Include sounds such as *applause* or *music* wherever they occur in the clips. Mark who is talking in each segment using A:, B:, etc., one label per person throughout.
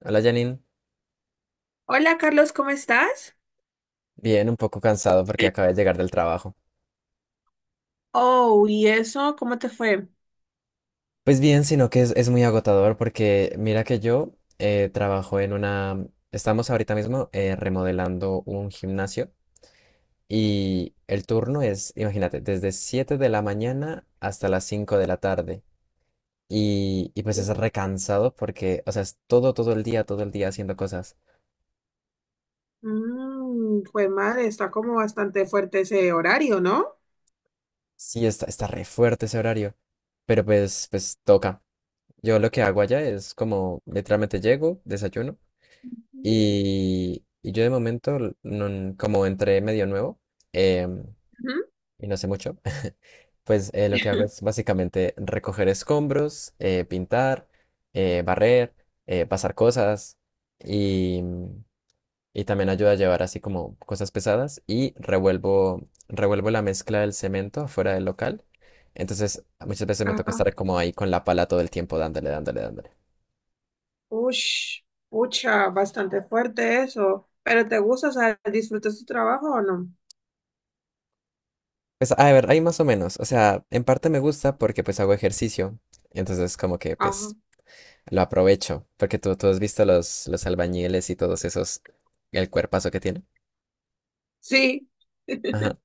A: Hola Janine,
B: Hola Carlos, ¿cómo estás?
A: bien, un poco cansado porque acabé de llegar del trabajo.
B: Oh, ¿y eso? ¿Cómo te fue?
A: Pues bien, sino que es muy agotador porque mira que yo trabajo en una... Estamos ahorita mismo remodelando un gimnasio y el turno es, imagínate, desde 7 de la mañana hasta las 5 de la tarde. Y pues es recansado porque, o sea, es todo, todo el día haciendo cosas.
B: Mm, fue madre, está como bastante fuerte ese horario, ¿no?
A: Sí, está re fuerte ese horario, pero pues toca. Yo lo que hago allá es como literalmente llego, desayuno.
B: Ujú.
A: Y yo de momento, como entré medio nuevo em,
B: Ujú.
A: y no sé mucho, *laughs* pues lo que hago es
B: *laughs*
A: básicamente recoger escombros, pintar, barrer, pasar cosas y, y también ayuda a llevar así como cosas pesadas y revuelvo la mezcla del cemento afuera del local. Entonces muchas veces me toca
B: Ajá.
A: estar como ahí con la pala todo el tiempo dándole, dándole, dándole.
B: Ush, pucha, bastante fuerte eso. ¿Pero te gusta, o sea, disfrutas tu trabajo o no?
A: Pues a ver, hay más o menos. O sea, en parte me gusta porque pues hago ejercicio. Entonces como que
B: Ajá.
A: pues lo aprovecho. Porque tú has visto los albañiles y todos esos, el cuerpazo que tienen.
B: Sí,
A: Ajá.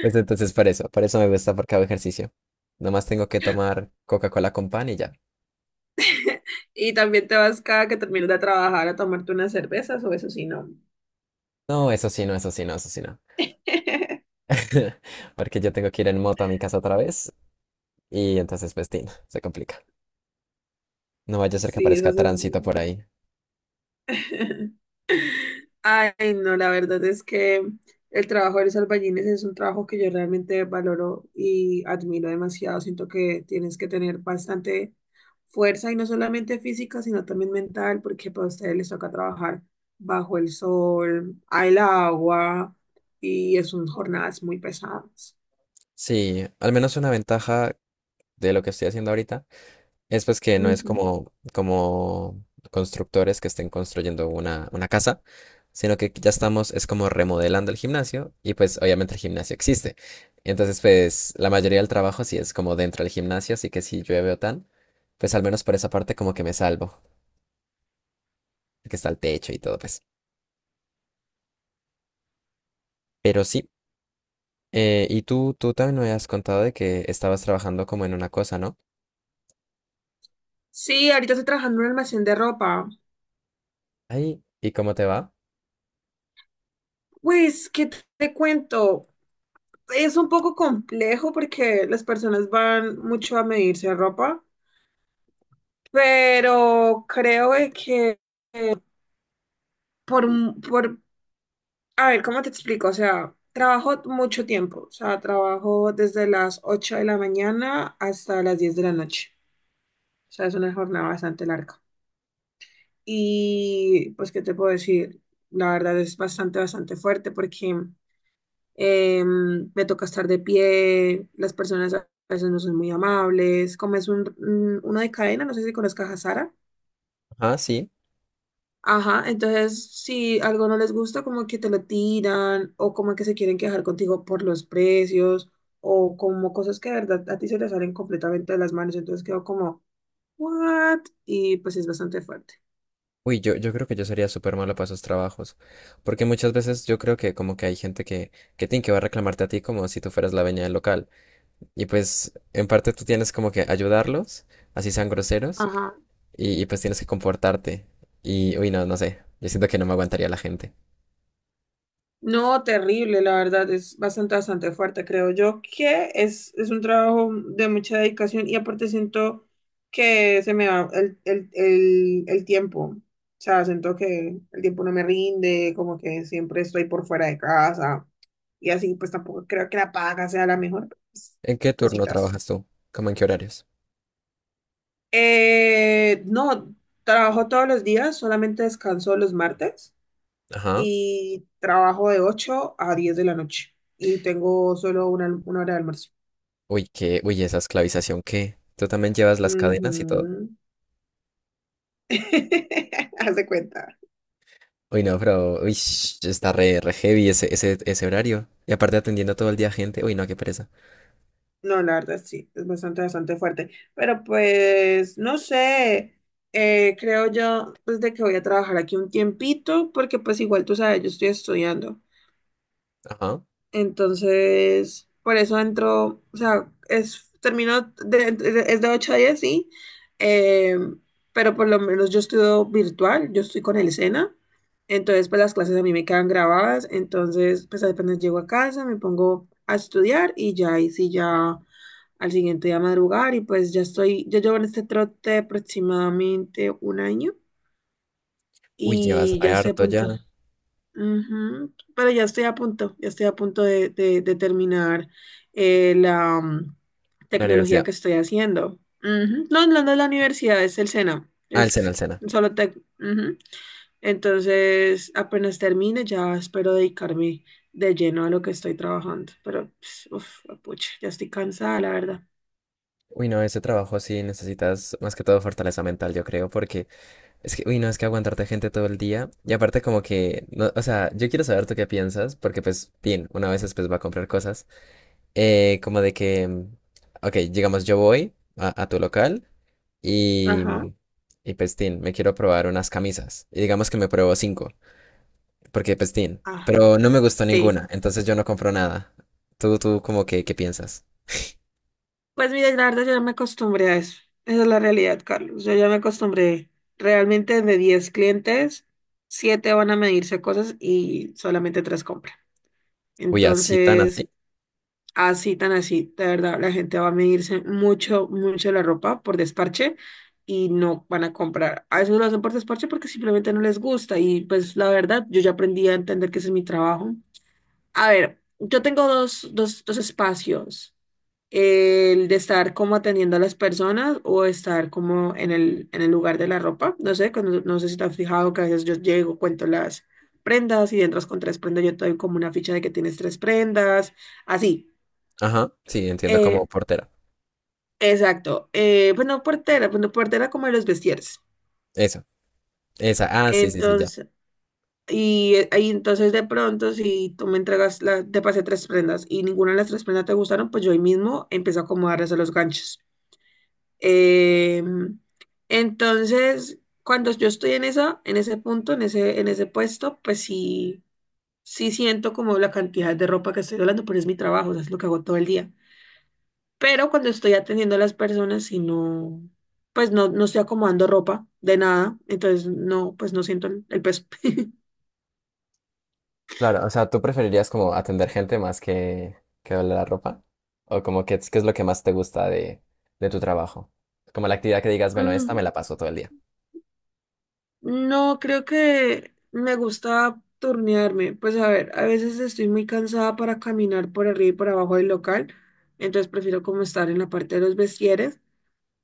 A: Pues entonces por eso me gusta porque hago ejercicio. Nomás tengo que tomar Coca-Cola con pan y ya.
B: *laughs* y también te vas cada que termines de trabajar a tomarte unas cervezas o eso sí, no.
A: No, eso sí, no, eso sí, no, eso sí, no.
B: *laughs*
A: *laughs* Porque yo tengo que ir en moto a mi casa otra vez y entonces pues tin, se complica. No vaya a ser que
B: Sí, eso
A: aparezca
B: sí es.
A: tránsito por ahí.
B: *laughs* Ay, no, la verdad es que el trabajo de los albañiles es un trabajo que yo realmente valoro y admiro demasiado. Siento que tienes que tener bastante fuerza y no solamente física, sino también mental, porque para ustedes les toca trabajar bajo el sol, al agua y es son jornadas muy pesadas.
A: Sí, al menos una ventaja de lo que estoy haciendo ahorita. Es pues que no es
B: Ujú.
A: como, como constructores que estén construyendo una casa, sino que ya estamos, es como remodelando el gimnasio y pues obviamente el gimnasio existe. Entonces pues la mayoría del trabajo sí es como dentro del gimnasio, así que si llueve o tan, pues al menos por esa parte como que me salvo, que está el techo y todo pues. Pero sí, y tú también me habías contado de que estabas trabajando como en una cosa, ¿no?
B: Sí, ahorita estoy trabajando en un almacén de ropa.
A: Ahí, ¿y cómo te va?
B: Pues, ¿qué te cuento? Es un poco complejo porque las personas van mucho a medirse ropa, pero creo de que por, a ver, ¿cómo te explico? O sea, trabajo mucho tiempo, o sea, trabajo desde las 8 de la mañana hasta las 10 de la noche. O sea, es una jornada bastante larga. Y pues, ¿qué te puedo decir? La verdad es bastante, bastante fuerte porque me toca estar de pie, las personas a veces no son muy amables, como es uno de cadena, no sé si conozcas a Sara.
A: Ah, sí.
B: Ajá, entonces si algo no les gusta, como que te lo tiran o como que se quieren quejar contigo por los precios o como cosas que de verdad a ti se te salen completamente de las manos, entonces quedo como, ¿what? Y pues es bastante fuerte.
A: Uy, yo creo que yo sería súper malo para esos trabajos, porque muchas veces yo creo que como que hay gente que tiene que va a reclamarte a ti como si tú fueras la dueña del local, y pues en parte tú tienes como que ayudarlos, así sean groseros,
B: Ajá.
A: y pues tienes que comportarte, y uy, no, no sé, yo siento que no me aguantaría la gente.
B: No, terrible, la verdad, es bastante, bastante fuerte, creo yo, que es un trabajo de mucha dedicación y aparte siento que se me va el tiempo, o sea, siento que el tiempo no me rinde, como que siempre estoy por fuera de casa y así, pues tampoco creo que la paga sea la mejor, pues,
A: ¿En qué turno
B: cositas.
A: trabajas tú? ¿Cómo en qué horarios?
B: No, trabajo todos los días, solamente descanso los martes.
A: Ajá.
B: Y trabajo de 8 a 10 de la noche y tengo solo una hora de almuerzo.
A: Uy, qué, uy, esa esclavización, ¿qué? ¿Tú también llevas las cadenas y todo?
B: Ujú. *laughs* Haz de cuenta.
A: Uy, no, pero, uy, está re, re heavy ese, ese, ese horario, y aparte atendiendo todo el día a gente, uy, no, qué pereza.
B: No, la verdad sí, es bastante, bastante fuerte. Pero pues, no sé, creo yo, pues de que voy a trabajar aquí un tiempito, porque pues igual tú sabes, yo estoy estudiando.
A: Ajá.
B: Entonces, por eso entro, o sea, es, termino, es de 8 a 10 sí, eh, pero por lo menos yo estudio virtual, yo estoy con el SENA, entonces pues las clases a mí me quedan grabadas, entonces pues apenas llego a casa, me pongo a estudiar y ya ahí sí ya al siguiente día madrugar y pues ya estoy, yo llevo en este trote aproximadamente un año
A: Uy, llevas
B: y ya
A: re
B: estoy a
A: harto ya.
B: punto. Ujú. Pero ya estoy a punto, ya estoy a punto de terminar la
A: La
B: tecnología
A: universidad.
B: que estoy haciendo. Ujú. No, no, no es la universidad, es el SENA,
A: Ah, el SENA,
B: es
A: el SENA.
B: solo tec. Ujú. Entonces, apenas termine, ya espero dedicarme de lleno a lo que estoy trabajando. Pero, pues, uf, pucha, ya estoy cansada, la verdad.
A: Uy, no, ese trabajo sí necesitas más que todo fortaleza mental, yo creo, porque es que, uy, no, es que aguantarte gente todo el día. Y aparte como que, no, o sea, yo quiero saber tú qué piensas, porque pues, bien, una vez pues va a comprar cosas. Como de que, ok, digamos, yo voy a tu local
B: Ajá,
A: y, y pues, tin, me quiero probar unas camisas. Y digamos que me pruebo cinco. Porque pestín,
B: ajá,
A: pero no me gustó
B: sí.
A: ninguna, entonces yo no compro nada. ¿Tú como que, qué piensas?
B: Pues mira, la verdad yo ya me acostumbré a eso. Esa es la realidad, Carlos. Yo ya me acostumbré. Realmente de 10 clientes, 7 van a medirse cosas y solamente 3 compran.
A: Uy, así tan
B: Entonces,
A: así.
B: así tan así, de verdad, la gente va a medirse mucho, mucho la ropa por desparche y no van a comprar. A veces no lo hacen por desparche porque simplemente no les gusta y pues la verdad, yo ya aprendí a entender que ese es mi trabajo. A ver, yo tengo dos espacios, el de estar como atendiendo a las personas o estar como en el lugar de la ropa. No sé, no sé si te has fijado que a veces yo llego, cuento las prendas y entras con tres prendas, yo te doy como una ficha de que tienes tres prendas, así.
A: Ajá, sí, entiendo como
B: Eh,
A: portera.
B: exacto. Pues no portera como de los vestieres.
A: Eso, esa, ah, sí, sí, sí, ya.
B: Entonces, y ahí entonces de pronto si tú me entregas, la, te pasé tres prendas y ninguna de las tres prendas te gustaron, pues yo ahí mismo empiezo a acomodarles a los ganchos. Eh, entonces, cuando yo estoy en esa, en ese punto, en ese puesto, pues sí, sí siento como la cantidad de ropa que estoy hablando, pero es mi trabajo, o sea, es lo que hago todo el día. Pero cuando estoy atendiendo a las personas y no, pues no, no estoy acomodando ropa de nada, entonces no, pues no siento el peso. *laughs*
A: Claro, o sea, ¿tú preferirías como atender gente más que doblar la ropa? ¿O como que qué es lo que más te gusta de tu trabajo? Como la actividad que digas, bueno, esta me
B: Mm,
A: la paso todo el día.
B: no, creo que me gusta turnearme. Pues a ver, a veces estoy muy cansada para caminar por arriba y por abajo del local, entonces prefiero como estar en la parte de los vestieres,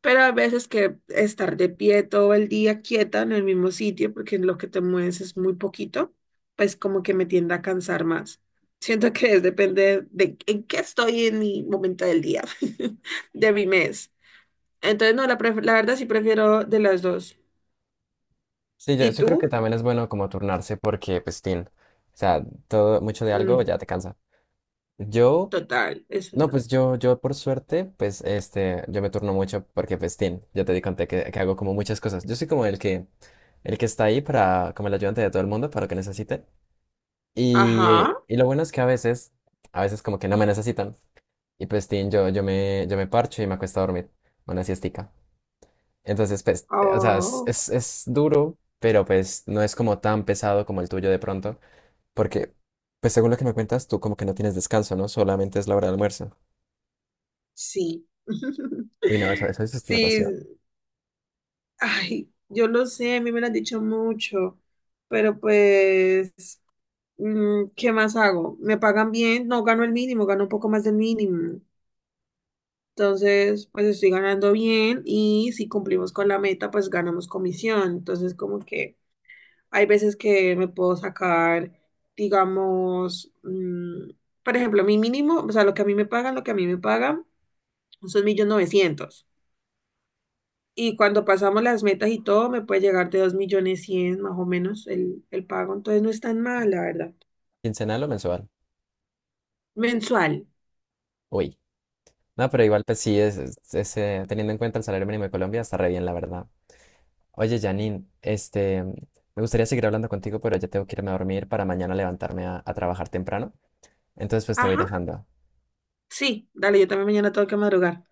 B: pero a veces que estar de pie todo el día quieta en el mismo sitio, porque lo que te mueves es muy poquito, pues como que me tiende a cansar más. Siento que es, depende de en qué estoy en mi momento del día, *laughs* de mi mes. Entonces, no, la, la verdad sí prefiero de las dos.
A: Sí, yo,
B: ¿Y
A: yo creo que
B: tú?
A: también es bueno como turnarse porque, pues, tin, o sea, todo, mucho de
B: Mm.
A: algo ya te cansa. Yo
B: Total, eso es
A: no,
B: verdad.
A: pues yo por suerte, pues este, yo me turno mucho porque pues tin, ya te di conté que hago como muchas cosas. Yo soy como el que está ahí para, como el ayudante de todo el mundo para lo que necesite. Y,
B: Ajá.
A: y lo bueno es que a veces como que no me necesitan. Y pues tin, yo me parcho y me acuesto a dormir, una siestica. Entonces, pues, o sea,
B: Oh,
A: es duro, pero pues no es como tan pesado como el tuyo de pronto, porque pues según lo que me cuentas, tú como que no tienes descanso, ¿no? Solamente es la hora de almuerzo.
B: sí.
A: Uy, no, eso
B: *laughs*
A: es
B: Sí,
A: explotación.
B: ay, yo lo sé, a mí me lo han dicho mucho, pero pues, ¿qué más hago? ¿Me pagan bien? No, gano el mínimo, gano un poco más del mínimo. Entonces, pues estoy ganando bien y si cumplimos con la meta, pues ganamos comisión. Entonces, como que... Hay veces que me puedo sacar, digamos, por ejemplo, mi mínimo, o sea, lo que a mí me pagan, lo que a mí me pagan son 1.900.000. Y cuando pasamos las metas y todo, me puede llegar de 2.100.000 más o menos el pago. Entonces no es tan mal, la verdad.
A: ¿Quincenal o mensual?
B: Mensual.
A: Uy. No, pero igual, pues sí, teniendo en cuenta el salario mínimo de Colombia, está re bien, la verdad. Oye, Janine, este, me gustaría seguir hablando contigo, pero ya tengo que irme a dormir para mañana levantarme a trabajar temprano. Entonces, pues te voy
B: Ajá.
A: dejando.
B: Sí, dale, yo también mañana tengo que madrugar.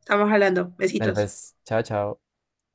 B: Estamos hablando.
A: Dale,
B: Besitos.
A: pues, chao, chao.